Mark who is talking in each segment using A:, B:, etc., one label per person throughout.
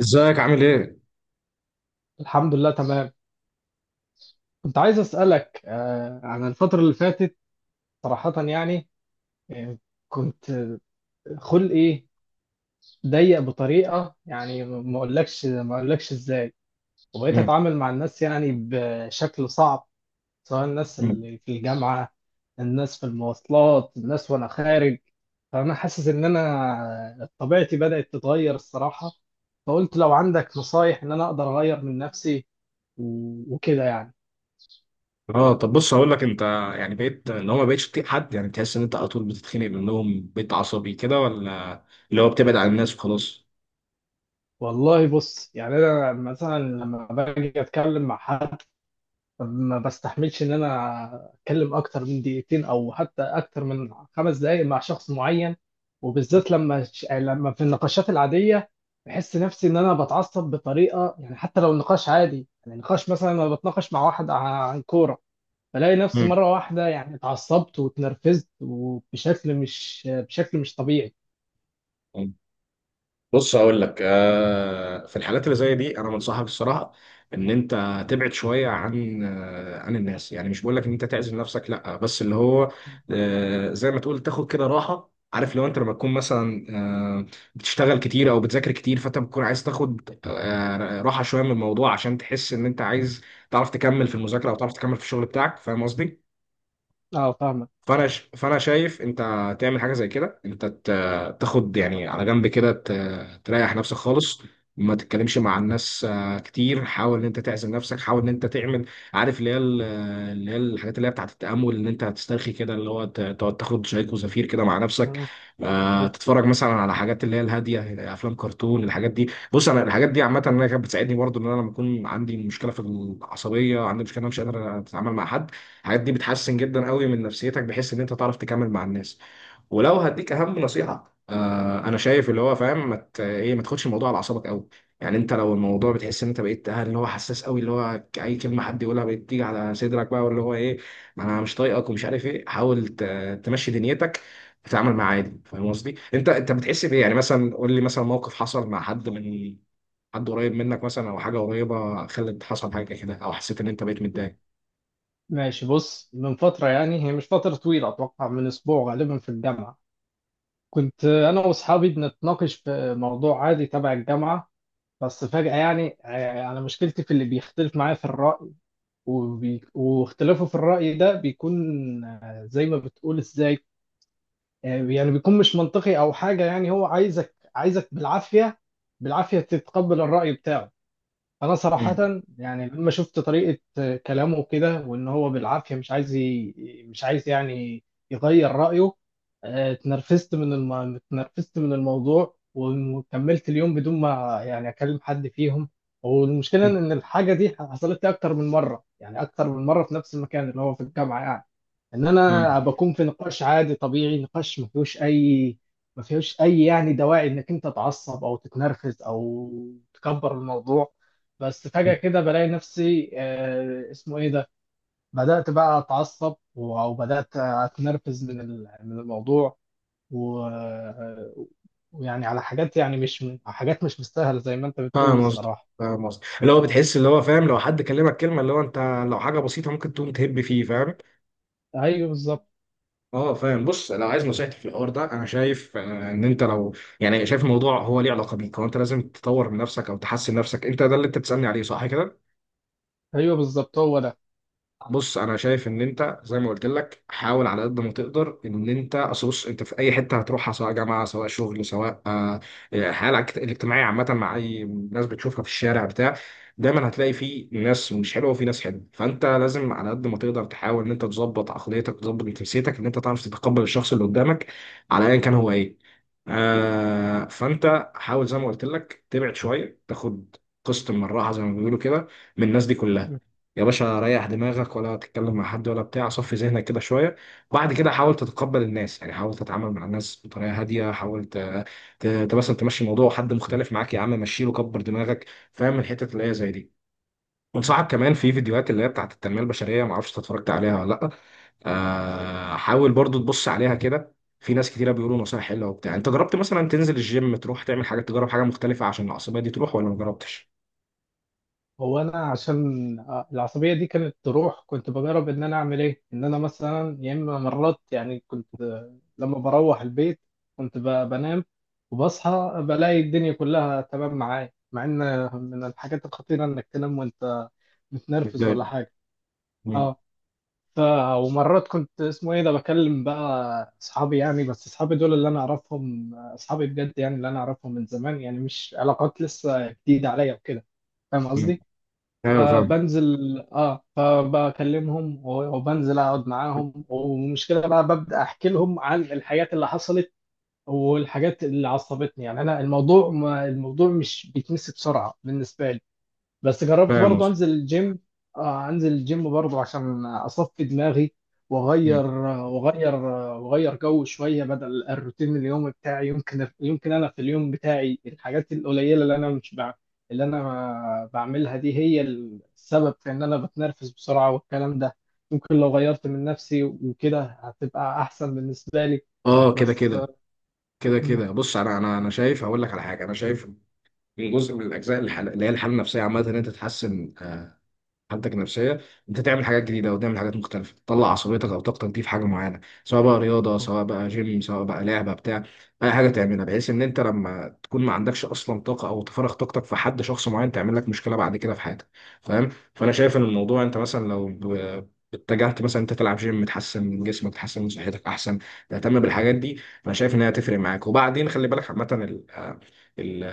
A: ازيك عامل ايه؟
B: الحمد لله تمام. كنت عايز أسألك عن الفترة اللي فاتت. صراحة يعني، آه، كنت خلقي ضيق بطريقة، يعني ما أقولكش إزاي. وبقيت
A: مم.
B: أتعامل مع الناس يعني بشكل صعب، سواء الناس
A: مم.
B: اللي في الجامعة، الناس في المواصلات، الناس وأنا خارج. فأنا حاسس إن أنا طبيعتي بدأت تتغير الصراحة. فقلت لو عندك نصايح إن أنا أقدر أغير من نفسي و- وكده يعني.
A: اه، طب بص هقول لك انت، يعني بقيت اللي هو ما بقتش تطيق حد، يعني تحس ان انت على طول بتتخانق منهم، بقيت عصبي كده، ولا اللي هو بتبعد عن الناس وخلاص؟
B: والله بص، يعني انا مثلا لما باجي اتكلم مع حد، ما بستحملش ان انا اتكلم اكتر من دقيقتين او حتى اكتر من 5 دقائق مع شخص معين. وبالذات لما يعني لما في النقاشات العاديه، بحس نفسي ان انا بتعصب بطريقه، يعني حتى لو النقاش عادي، يعني نقاش مثلا انا بتناقش مع واحد عن كوره، بلاقي نفسي مره واحده يعني اتعصبت واتنرفزت وبشكل مش طبيعي.
A: مم. بص اقول لك في الحالات اللي زي دي انا بنصحك الصراحه ان انت تبعد شويه عن عن الناس، يعني مش بقول لك ان انت تعزل نفسك، لا، بس اللي هو زي ما تقول تاخد كده راحه، عارف لو انت لما تكون مثلا آه، بتشتغل كتير او بتذاكر كتير، فانت بتكون عايز تاخد راحه شويه من الموضوع، عشان تحس ان انت عايز تعرف تكمل في المذاكره او تعرف تكمل في الشغل بتاعك. فاهم قصدي؟
B: اه،
A: فانا شايف انت تعمل حاجه زي كده، تاخد يعني على جنب كده، تريح نفسك خالص، ما تتكلمش مع الناس كتير. حاول ان انت تعزل نفسك، حاول ان انت تعمل، عارف اللي هي اللي هي الحاجات اللي هي بتاعت التامل، ان انت هتسترخي كده، اللي هو تقعد تاخد شاي وزفير كده مع نفسك،
B: فاهمك.
A: تتفرج مثلا على حاجات اللي هي الهاديه، افلام كرتون، الحاجات دي. بص انا الحاجات دي عامه انا كانت بتساعدني برضو، ان انا لما اكون عندي مشكله في العصبيه، عندي مشكله إن انا مش قادر اتعامل مع حد، الحاجات دي بتحسن جدا قوي من نفسيتك، بحيث ان انت تعرف تكمل مع الناس. ولو هديك اهم نصيحه، آه، انا شايف اللي هو فاهم ما مت... ايه، ما تاخدش الموضوع على اعصابك قوي. يعني انت لو الموضوع بتحس ان انت بقيت اللي هو حساس قوي، اللي هو اي كلمه حد يقولها بقت تيجي على صدرك، بقى واللي هو ايه، ما انا مش طايقك ومش عارف ايه، حاول تمشي دنيتك، تتعامل معاه عادي. فاهم قصدي؟ انت انت بتحس بايه؟ يعني مثلا قول لي مثلا موقف حصل مع حد من حد قريب منك مثلا، او حاجه قريبه خلت حصل حاجه كده، او حسيت ان انت بقيت متضايق.
B: ماشي، بص، من فترة يعني، هي مش فترة طويلة، أتوقع من أسبوع، غالبا في الجامعة، كنت أنا وأصحابي بنتناقش في موضوع عادي تبع الجامعة. بس فجأة يعني، أنا مشكلتي في اللي بيختلف معايا في الرأي، واختلافه في الرأي ده بيكون زي ما بتقول إزاي. يعني بيكون مش منطقي أو حاجة، يعني هو عايزك عايزك بالعافية، بالعافية تتقبل الرأي بتاعه. انا صراحة
A: مم.
B: يعني لما شفت طريقة كلامه كده، وان هو بالعافية مش عايز يعني يغير رأيه. اتنرفزت من الموضوع، وكملت اليوم بدون ما يعني اكلم حد فيهم. والمشكلة ان الحاجة دي حصلت لي اكتر من مرة، يعني اكتر من مرة في نفس المكان اللي هو في الجامعة يعني، ان انا
A: مم.
B: بكون في نقاش عادي طبيعي، نقاش ما فيهوش اي يعني دواعي انك انت تعصب او تتنرفز او تكبر الموضوع. بس فجأة كده، بلاقي نفسي اسمه ايه ده، بدأت بقى اتعصب و- وبدأت اتنرفز من الموضوع و... ويعني على حاجات، يعني مش حاجات مش مستاهلة زي ما انت بتقول
A: فاهم قصدك.
B: الصراحة.
A: فاهم قصدك اللي هو
B: اه،
A: بتحس، اللي هو فاهم، لو حد كلمك كلمه اللي هو انت لو حاجه بسيطه ممكن تقوم تهب فيه. فاهم؟
B: ايوه بالظبط.
A: اه، فاهم. بص لو عايز نصيحتي في الحوار ده، انا شايف ان انت لو، يعني شايف الموضوع هو ليه علاقه بيك، هو انت لازم تطور من نفسك او تحسن نفسك انت، ده اللي انت بتسالني عليه، صح كده؟
B: ايوه بالظبط هو.
A: بص انا شايف ان انت زي ما قلت لك، حاول على قد ما تقدر ان انت، اصل بص انت في اي حته هتروحها، سواء جامعه سواء شغل سواء حالك الاجتماعيه عامه، مع اي ناس بتشوفها في الشارع بتاع، دايما هتلاقي في ناس مش حلوه وفي ناس حلوه، فانت لازم على قد ما تقدر تحاول ان انت تظبط عقليتك، تظبط نفسيتك، ان انت تعرف تتقبل الشخص اللي قدامك على ايا كان هو ايه. آه، فانت حاول زي ما قلت لك تبعد شويه، تاخد قسط من الراحه زي ما بيقولوا كده، من الناس دي
B: ده
A: كلها. يا باشا ريح دماغك، ولا تتكلم مع حد ولا بتاع، صفي ذهنك كده شويه. بعد كده حاول تتقبل الناس، يعني حاول تتعامل مع الناس بطريقه هاديه، حاول مثلا تمشي الموضوع، حد مختلف معاك، يا عم مشيله، كبر دماغك. فاهم الحتت اللي هي زي دي؟ انصحك كمان في فيديوهات اللي هي بتاعت التنميه البشريه، ما اعرفش انت اتفرجت عليها ولا لا. آه، حاول برضو تبص عليها كده، في ناس كتيره بيقولوا نصايح حلوه وبتاع. انت جربت مثلا تنزل الجيم، تروح تعمل حاجه، تجرب حاجه مختلفه عشان العصبيه دي تروح، ولا ما جربتش؟
B: هو، انا عشان العصبيه دي كانت تروح، كنت بجرب ان انا اعمل ايه، ان انا مثلا يا اما مرات يعني كنت لما بروح البيت، كنت بنام، وبصحى بلاقي الدنيا كلها تمام معايا، مع ان من الحاجات الخطيره انك تنام وانت متنرفز ولا
A: متضايق.
B: حاجه.
A: مم.
B: اه، ف ومرات كنت اسمه ايه ده، بكلم بقى اصحابي يعني، بس اصحابي دول اللي انا اعرفهم، اصحابي بجد يعني، اللي انا اعرفهم من زمان يعني، مش علاقات لسه جديده عليا وكده، فاهم
A: مم.
B: قصدي.
A: ايوه فاهم.
B: فبنزل اه، فبكلمهم و- وبنزل اقعد معاهم، والمشكله بقى، ببدا احكي لهم عن الحاجات اللي حصلت والحاجات اللي عصبتني يعني. انا الموضوع، ما الموضوع مش بيتنسي بسرعه بالنسبه لي. بس جربت
A: فاهم
B: برضه
A: قصدي.
B: انزل الجيم. آه، انزل الجيم برضه عشان اصفي دماغي، واغير واغير واغير جو شويه بدل الروتين اليومي بتاعي. يمكن انا في اليوم بتاعي، الحاجات القليله اللي انا مش بع... اللي انا بعملها دي هي السبب في ان انا بتنرفز بسرعه والكلام ده. ممكن لو غيرت من نفسي وكده هتبقى احسن بالنسبه لي،
A: اه، كده
B: بس.
A: كده. بص انا شايف هقول لك على حاجه، انا شايف من جزء من الاجزاء، اللي هي الحاله النفسيه عامه، ان انت تحسن حالتك النفسيه، انت تعمل حاجات جديده او تعمل حاجات مختلفه، تطلع عصبيتك او طاقتك دي في حاجه معينه، سواء بقى رياضه سواء بقى جيم سواء بقى لعبه بتاع، اي حاجه تعملها، بحيث ان انت لما تكون ما عندكش اصلا طاقه، او تفرغ طاقتك في حد شخص معين تعمل لك مشكله بعد كده في حياتك. فاهم؟ فانا شايف ان الموضوع، انت مثلا لو اتجهت مثلا انت تلعب جيم، تحسن من جسمك تحسن من صحتك، احسن تهتم بالحاجات دي، فانا شايف ان هي هتفرق معاك. وبعدين خلي بالك عامه، ال-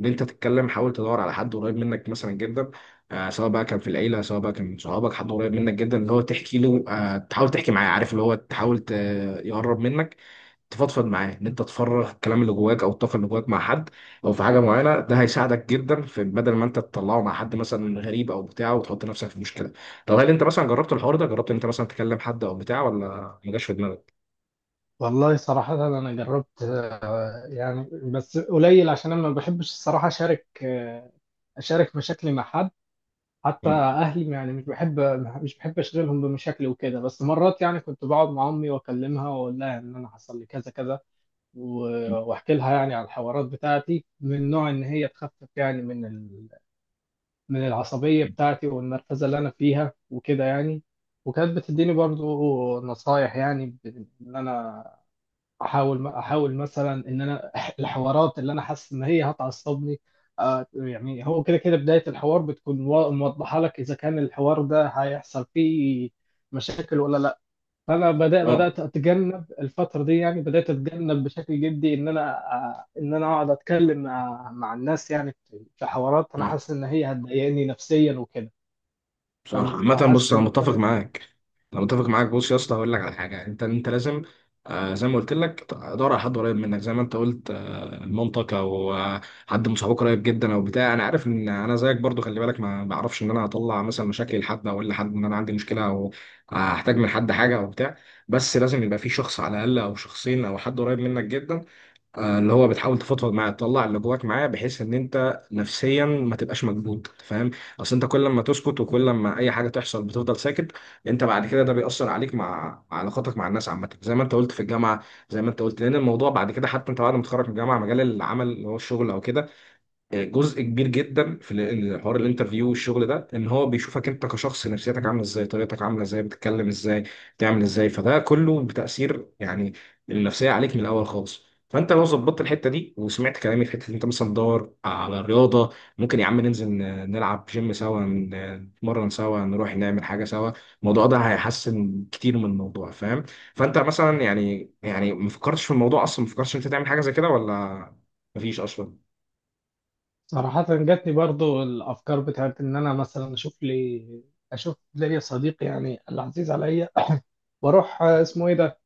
A: ان انت تتكلم، حاول تدور على حد قريب منك مثلا جدا، سواء بقى كان في العيله سواء بقى كان من صحابك، حد قريب منك جدا اللي هو تحكي له، تحاول تحكي معاه، عارف اللي هو تحاول يقرب منك، تفضفض معاه، ان انت تفرغ الكلام اللي جواك او الطاقه اللي جواك مع حد او في حاجه معينه، ده هيساعدك جدا، في بدل ما انت تطلعه مع حد مثلا غريب او بتاع وتحط نفسك في مشكله. طب هل انت مثلا جربت الحوار ده؟ جربت ان انت مثلا تكلم حد او بتاع، ولا ما جاش في دماغك؟
B: والله صراحة أنا جربت، يعني بس قليل، عشان أنا ما بحبش الصراحة أشارك أشارك مشاكلي مع حد، حتى
A: مم.
B: أهلي يعني مش بحب أشغلهم بمشاكلي وكده. بس مرات يعني كنت بقعد مع أمي وأكلمها، وأقول لها إن أنا حصل لي كذا كذا، و- وأحكي لها يعني على الحوارات بتاعتي، من نوع إن هي تخفف يعني من العصبية
A: مم.
B: بتاعتي والمركزة اللي أنا فيها وكده يعني. وكانت بتديني برضو نصايح، يعني إن أنا احاول مثلا ان انا الحوارات اللي انا حاسس ان هي هتعصبني. يعني هو كده كده، بدايه الحوار بتكون موضحه لك اذا كان الحوار ده هيحصل فيه مشاكل ولا لا. فانا
A: اه.
B: بدات اتجنب الفتره دي، يعني بدات اتجنب بشكل جدي ان انا، ان انا اقعد اتكلم مع الناس يعني، في حوارات انا
A: اه،
B: حاسس ان هي هتضايقني نفسيا وكده.
A: صح.
B: فمش
A: عامة بص
B: حاسس
A: انا
B: ان
A: متفق
B: كده.
A: معاك. انا متفق معاك. بص يا اسطى هقول لك على حاجة، انت انت لازم آه، زي ما قلت لك تدور على حد قريب منك، زي ما انت قلت آه مامتك، او آه حد من صحابك قريب جدا او بتاع. انا عارف ان انا زيك برضو، خلي بالك، ما بعرفش ان انا اطلع مثلا مشاكل لحد، او اقول لحد ان انا عندي مشكلة، او هحتاج من حد حاجة او بتاع. بس لازم يبقى في شخص على الاقل، او شخصين، او حد قريب منك جدا، اللي هو بتحاول تفضفض معاه، تطلع اللي جواك معاه، بحيث ان انت نفسيا ما تبقاش مكبوت. فاهم؟ اصل انت كل ما تسكت، وكل ما اي حاجه تحصل بتفضل ساكت، انت بعد كده ده بيأثر عليك، مع علاقاتك مع الناس عامه، زي ما انت قلت في الجامعه، زي ما انت قلت، لان الموضوع بعد كده حتى انت بعد ما تتخرج من الجامعه، مجال العمل اللي هو الشغل او كده، جزء كبير جدا في حوار الانترفيو والشغل ده، ان هو بيشوفك انت كشخص، نفسيتك عامله ازاي، طريقتك عامله ازاي، بتتكلم ازاي، بتعمل ازاي، فده كله بتاثير يعني النفسيه عليك من الاول خالص. فانت لو ظبطت الحته دي وسمعت كلامي في حته إن انت مثلا تدور على الرياضه، ممكن يا عم ننزل نلعب جيم سوا، نتمرن سوا، نروح نعمل حاجه سوا، الموضوع ده هيحسن كتير من الموضوع. فاهم؟ فانت مثلا يعني ما فكرتش في الموضوع اصلا، ما فكرتش إن انت تعمل حاجه زي كده، ولا مفيش اصلا؟
B: صراحة جاتني برضو الأفكار بتاعت إن أنا مثلا أشوف لي صديق يعني العزيز عليا. وأروح اسمه إيه ده،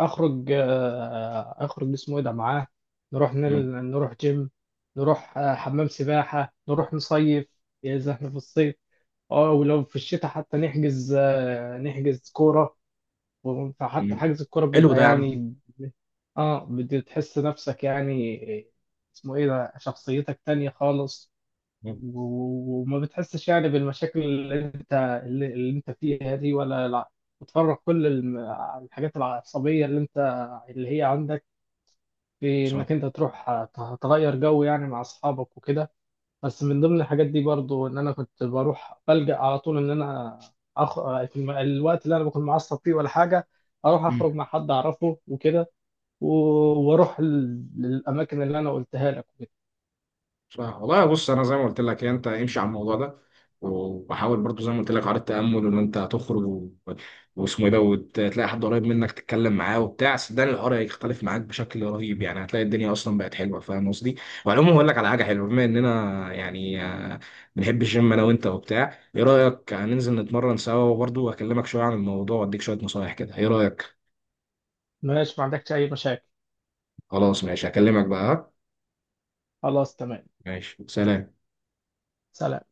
B: أخرج اسمه إيه ده معاه. نروح نل... نروح جيم، نروح حمام سباحة، نروح نصيف إذا إحنا في الصيف. أه، ولو في الشتاء حتى نحجز نحجز كورة فحتى
A: مم.
B: حجز الكورة
A: حلو
B: بيبقى
A: ده يا عم.
B: يعني. أه، بتحس نفسك يعني، اسمه إيه ده، شخصيتك تانية خالص.
A: مم.
B: و- وما بتحسش يعني بالمشاكل اللي انت فيها دي ولا لا. بتفرغ كل الحاجات العصبية اللي انت، اللي هي عندك، في
A: صح.
B: انك انت تروح تغير جو يعني مع اصحابك وكده. بس من ضمن الحاجات دي برضو ان انا كنت بروح بلجأ على طول، ان انا في الوقت اللي انا بكون معصب فيه ولا حاجة، اروح اخرج
A: مم.
B: مع حد اعرفه وكده، و- واروح للاماكن اللي انا قلتها لك وكده.
A: صح والله. بص انا زي ما قلت لك انت امشي على الموضوع ده، وحاول برضو زي ما قلت لك على التامل، وان انت هتخرج واسمه ايه ده، وتلاقي حد قريب منك تتكلم معاه وبتاع، صدقني الحوار هيختلف معاك بشكل رهيب، يعني هتلاقي الدنيا اصلا بقت حلوه. فاهم قصدي؟ وعموما هقول لك على حاجه حلوه، بما اننا يعني بنحب الجيم انا وانت وبتاع، ايه رايك هننزل نتمرن سوا، وبرضه واكلمك شويه عن الموضوع واديك شويه نصايح كده، ايه رايك؟
B: ماشي، ما عندكش اي مشاكل.
A: خلاص ماشي، هكلمك بقى، ها؟
B: خلاص تمام.
A: ماشي، سلام.
B: سلام.